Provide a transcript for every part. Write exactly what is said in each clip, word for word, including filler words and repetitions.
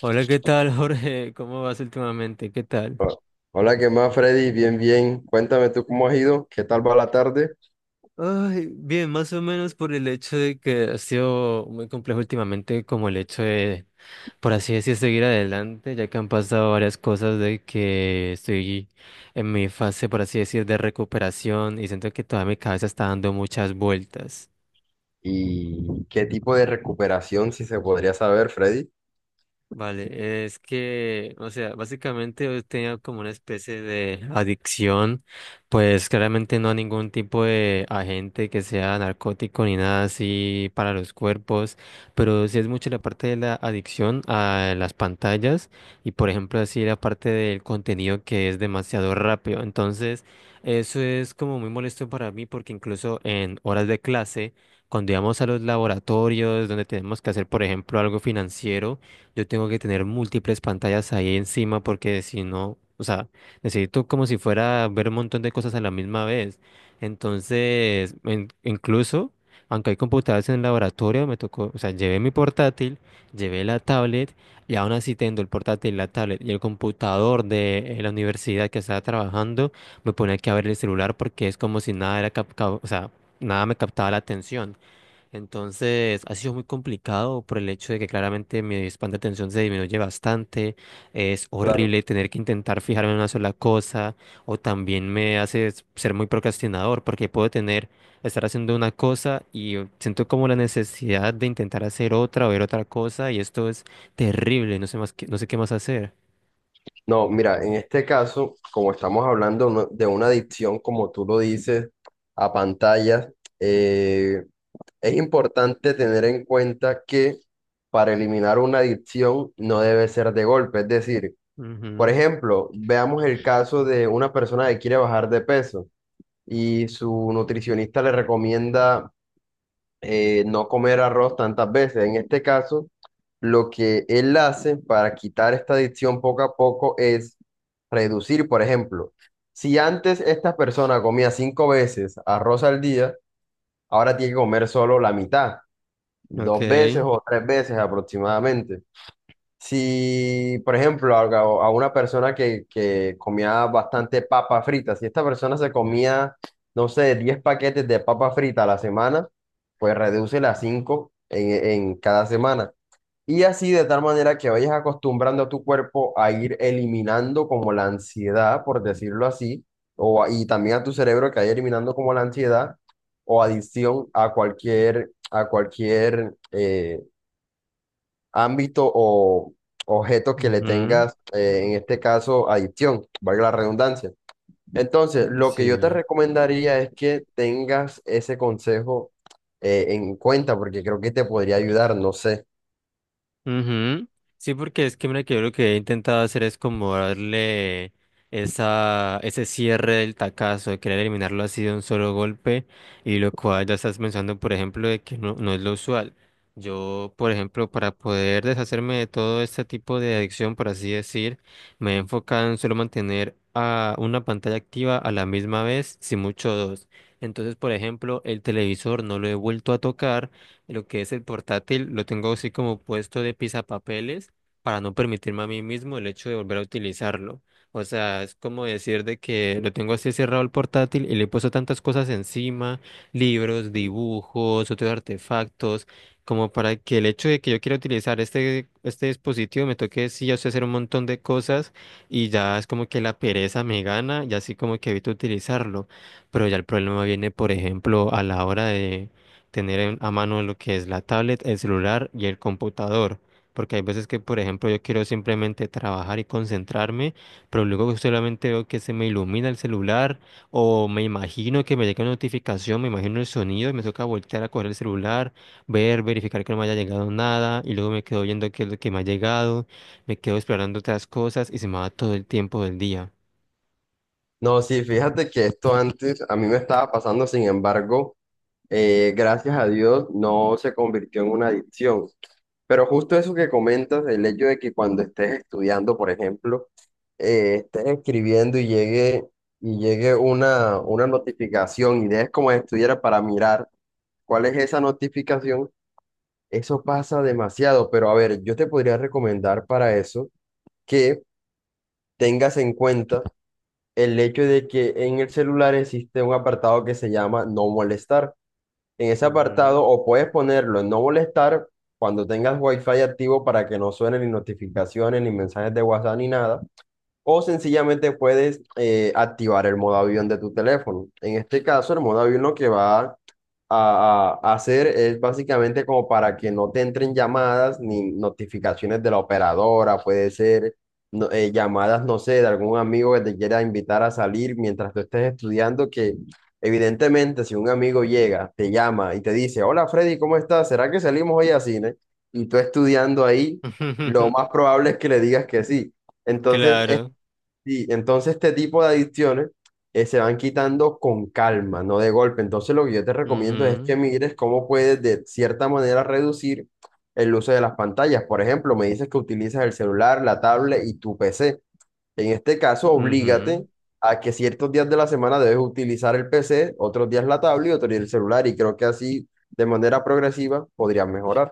Hola, ¿qué tal, Jorge? ¿Cómo vas últimamente? ¿Qué tal? Ho- Hola, ¿qué más, Freddy? Bien, bien. Cuéntame tú cómo has ido, qué tal va la tarde Ay, bien, más o menos por el hecho de que ha sido muy complejo últimamente, como el hecho de, por así decir, seguir adelante, ya que han pasado varias cosas de que estoy en mi fase, por así decir, de recuperación y siento que toda mi cabeza está dando muchas vueltas. y qué tipo de recuperación, si se podría saber, Freddy. Vale, es que, o sea, básicamente yo tenía como una especie de adicción, pues claramente no a ningún tipo de agente que sea narcótico ni nada así para los cuerpos, pero sí es mucho la parte de la adicción a las pantallas y por ejemplo así la parte del contenido que es demasiado rápido. Entonces, eso es como muy molesto para mí porque incluso en horas de clase, cuando íbamos a los laboratorios donde tenemos que hacer, por ejemplo, algo financiero, yo tengo que tener múltiples pantallas ahí encima porque si no, o sea, necesito como si fuera ver un montón de cosas a la misma vez. Entonces, en- incluso, aunque hay computadoras en el laboratorio, me tocó, o sea, llevé mi portátil, llevé la tablet y aún así tengo el portátil, la tablet y el computador de eh, la universidad que estaba trabajando, me ponía aquí a ver el celular porque es como si nada era cap- ca- o sea, nada me captaba la atención. Entonces, ha sido muy complicado por el hecho de que claramente mi span de atención se disminuye bastante. Es Claro. horrible tener que intentar fijarme en una sola cosa o también me hace s- ser muy procrastinador porque puedo tener, estar haciendo una cosa y siento como la necesidad de intentar hacer otra o ver otra cosa y esto es terrible, no sé más qué- no sé qué más hacer. No, mira, en este caso, como estamos hablando no- de una adicción, como tú lo dices, a pantallas, eh, es importante tener en cuenta que para eliminar una adicción no debe ser de golpe. Es decir, por Ujú. ejemplo, veamos el caso de una persona que quiere bajar de peso y su nutricionista le recomienda eh, no comer arroz tantas veces. En este caso, lo que él hace para quitar esta adicción poco a poco es reducir, por ejemplo, si antes esta persona comía cinco veces arroz al día, ahora tiene que comer solo la mitad, Ok. dos veces o tres veces aproximadamente. Si, por ejemplo, a, a una persona que, que comía bastante papa frita, si esta persona se comía, no sé, diez paquetes de papa frita a la semana, pues reduce a cinco en, en cada semana. Y así de tal manera que vayas acostumbrando a tu cuerpo a ir eliminando como la ansiedad, por decirlo así, o, a- y también a tu cerebro que vaya eliminando como la ansiedad o adicción a cualquier, a cualquier eh, ámbito o objeto que le Ujú. tengas, eh, en Mm. este caso, adicción, valga la redundancia. Entonces, lo que yo te Sí. Mm. recomendaría es que tengas ese consejo eh, en cuenta, porque creo que te podría ayudar, no sé. Ujú. Sí, porque es que mira que yo lo que he intentado hacer es como darle esa, ese cierre del tacazo, de querer eliminarlo así de un solo golpe, y lo cual ya estás pensando, por ejemplo, de que no, no es lo usual. Yo, por ejemplo, para poder deshacerme de todo este tipo de adicción, por así decir, me he enfocado en solo mantener a una pantalla activa a la misma vez, si mucho dos. Entonces, por ejemplo, el televisor no lo he vuelto a tocar, lo que es el portátil, lo tengo así como puesto de pisapapeles para no permitirme a mí mismo el hecho de volver a utilizarlo. O sea, es como decir de que lo tengo así cerrado el portátil y le he puesto tantas cosas encima, libros, dibujos, otros artefactos, como para que el hecho de que yo quiera utilizar este, este dispositivo me toque sí, o sea, hacer un montón de cosas y ya es como que la pereza me gana y así como que evito utilizarlo. Pero ya el problema viene, por ejemplo, a la hora de tener en- a mano lo que es la tablet, el celular y el computador. Porque hay veces que, por ejemplo, yo quiero simplemente trabajar y concentrarme, pero luego solamente veo que se me ilumina el celular o me imagino que me llega una notificación, me imagino el sonido y me toca voltear a coger el celular, ver, verificar que no me haya llegado nada y luego me quedo viendo qué es lo que me ha llegado, me quedo explorando otras cosas y se me va todo el tiempo del día. No, sí, fíjate que esto antes a mí me estaba pasando, sin embargo, eh, gracias a Dios no se convirtió en una adicción. Pero justo eso que comentas, el hecho de que cuando estés estudiando, por ejemplo, eh, estés escribiendo y llegue, y llegue una, una notificación y dejes como si estuviera para mirar cuál es esa notificación, eso pasa demasiado. Pero a ver, yo te podría recomendar para eso que tengas en cuenta el hecho de que en el celular existe un apartado que se llama no molestar, en ese Ujú. apartado o puedes ponerlo en no molestar cuando tengas Wi-Fi activo para que no suenen ni notificaciones, ni mensajes de WhatsApp, ni nada. O sencillamente puedes eh, activar el modo avión de tu teléfono. En este caso, el modo avión lo que va a, a- hacer es básicamente como para que no te entren llamadas ni notificaciones de la operadora, puede ser no- eh, llamadas, no sé, de algún amigo que te quiera invitar a salir mientras tú estés estudiando, que evidentemente si un amigo llega, te llama y te dice, hola Freddy, ¿cómo estás? ¿Será que salimos hoy a cine? Y tú estudiando ahí, lo más probable es que le digas que sí. Entonces, Claro. Sí, entonces este tipo de adicciones eh, se van quitando con calma, no de golpe. Entonces lo que yo te recomiendo es que Ujú. mires cómo puedes de cierta manera reducir el uso de las pantallas. Por ejemplo, me dices que utilizas el celular, la tablet y tu P C. En este caso, Ujú. oblígate a que ciertos días de la semana debes utilizar el P C, otros días la tablet y otros días el celular. Y creo que así, de manera progresiva, podrías mejorar.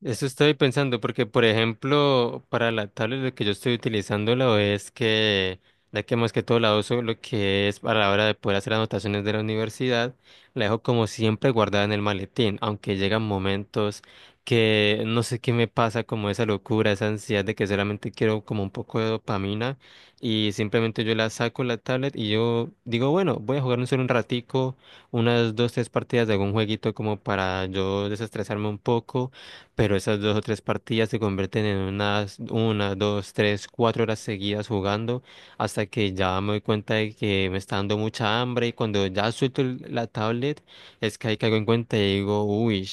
Eso estoy pensando porque, por ejemplo, para la tablet lo que yo estoy utilizando lo es que, ya que más que todo la uso lo que es para la hora de poder hacer anotaciones de la universidad, la dejo como siempre guardada en el maletín, aunque llegan momentos que no sé qué me pasa, como esa locura, esa ansiedad de que solamente quiero como un poco de dopamina y simplemente yo la saco la tablet y yo digo, bueno, voy a jugar un solo un ratico, unas dos, tres partidas de algún jueguito como para yo desestresarme un poco, pero esas dos o tres partidas se convierten en unas una, dos, tres, cuatro horas seguidas jugando hasta que ya me doy cuenta de que me está dando mucha hambre y cuando ya suelto el- la tablet es que ahí caigo en cuenta y digo, uy,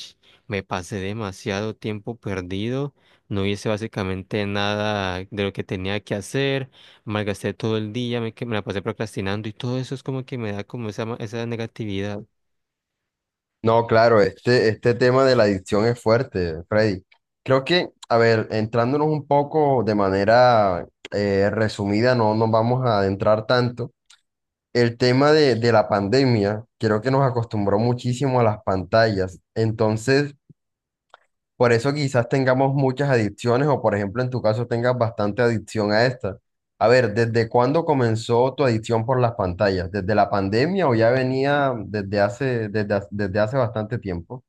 me pasé demasiado tiempo perdido, no hice básicamente nada de lo que tenía que hacer, malgasté todo el día, me, que- me la pasé procrastinando y todo eso es como que me da como esa, ma- esa negatividad. No, claro, este, este tema de la adicción es fuerte, Freddy. Creo que, a ver, entrándonos un poco de manera eh, resumida, no nos vamos a adentrar tanto. El tema de, de la pandemia, creo que nos acostumbró muchísimo a las pantallas. Entonces, por eso quizás tengamos muchas adicciones o, por ejemplo, en tu caso tengas bastante adicción a esta. A ver, ¿desde cuándo comenzó tu adicción por las pantallas? ¿Desde la pandemia o ya venía desde hace, desde, hace- desde hace bastante tiempo?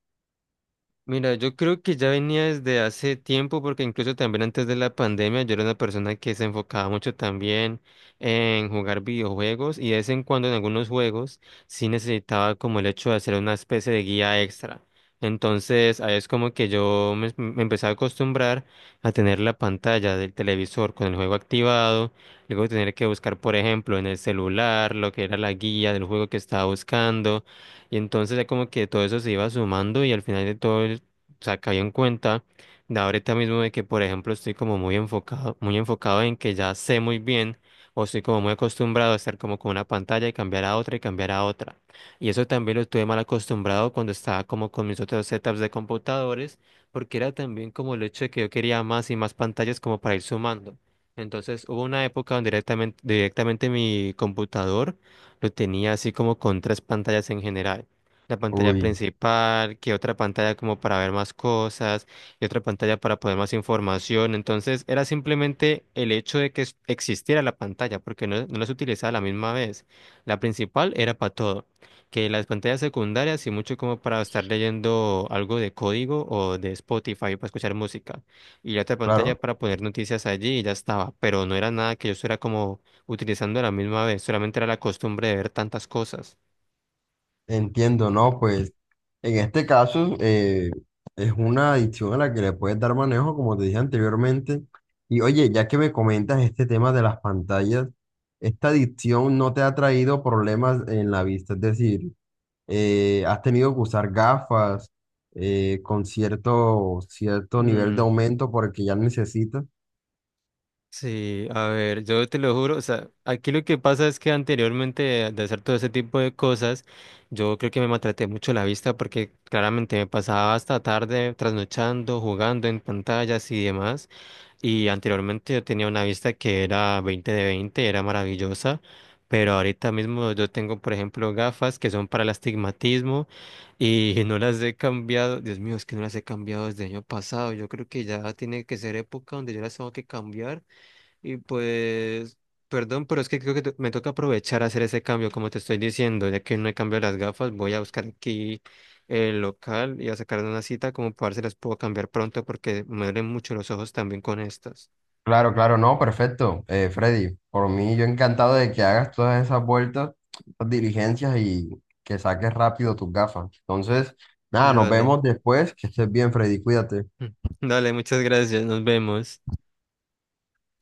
Mira, yo creo que ya venía desde hace tiempo, porque incluso también antes de la pandemia yo era una persona que se enfocaba mucho también en jugar videojuegos y de vez en cuando en algunos juegos sí necesitaba como el hecho de hacer una especie de guía extra. Entonces, ahí es como que yo me, me empecé a acostumbrar a tener la pantalla del televisor con el juego activado, luego tener que buscar, por ejemplo, en el celular lo que era la guía del juego que estaba buscando. Y entonces ya como que todo eso se iba sumando y al final de todo, el- o sea, caí en cuenta de ahorita mismo de que, por ejemplo, estoy como muy enfocado, muy enfocado en que ya sé muy bien o estoy como muy acostumbrado a estar como con una pantalla y cambiar a otra y cambiar a otra. Y eso también lo estuve mal acostumbrado cuando estaba como con mis otros setups de computadores, porque era también como el hecho de que yo quería más y más pantallas como para ir sumando. Entonces hubo una época donde directamente, directamente mi computador lo tenía así como con tres pantallas en general. La pantalla Uy, principal, que otra pantalla como para ver más cosas, y otra pantalla para poner más información. Entonces era simplemente el hecho de que es- existiera la pantalla, porque no, no las utilizaba a la misma vez. La principal era para todo, que las pantallas secundarias y mucho como para estar leyendo algo de código o de Spotify para escuchar música. Y la otra pantalla claro, para poner noticias allí y ya estaba, pero no era nada que yo fuera como utilizando la misma vez. Solamente era la costumbre de ver tantas cosas. entiendo, ¿no? Pues en este caso eh, es una adicción a la que le puedes dar manejo, como te dije anteriormente. Y oye, ya que me comentas este tema de las pantallas, ¿esta adicción no te ha traído problemas en la vista? Es decir, eh, ¿has tenido que usar gafas eh, con cierto, cierto nivel de Mm, aumento porque ya necesitas? sí, a ver, yo te lo juro, o sea, aquí lo que pasa es que anteriormente de, de, hacer todo ese tipo de cosas, yo creo que me maltraté mucho la vista porque claramente me pasaba hasta tarde trasnochando, jugando en pantallas y demás. Y anteriormente yo tenía una vista que era veinte de veinte, era maravillosa, pero ahorita mismo yo tengo, por ejemplo, gafas que son para el astigmatismo y no las he cambiado. Dios mío, es que no las he cambiado desde el año pasado. Yo creo que ya tiene que ser época donde yo las tengo que cambiar y pues, perdón, pero es que creo que to- me toca aprovechar a hacer ese cambio, como te estoy diciendo, ya que no he cambiado las gafas, voy a buscar aquí el local y a sacar una cita como para ver si las puedo cambiar pronto porque me duelen mucho los ojos también con estas. Claro, claro, no, perfecto. Eh, Freddy, por mí yo encantado de que hagas todas esas vueltas, esas diligencias y que saques rápido tus gafas. Entonces, nada, nos Dale, vemos después. Que estés bien, Freddy, cuídate. dale, muchas gracias, nos vemos.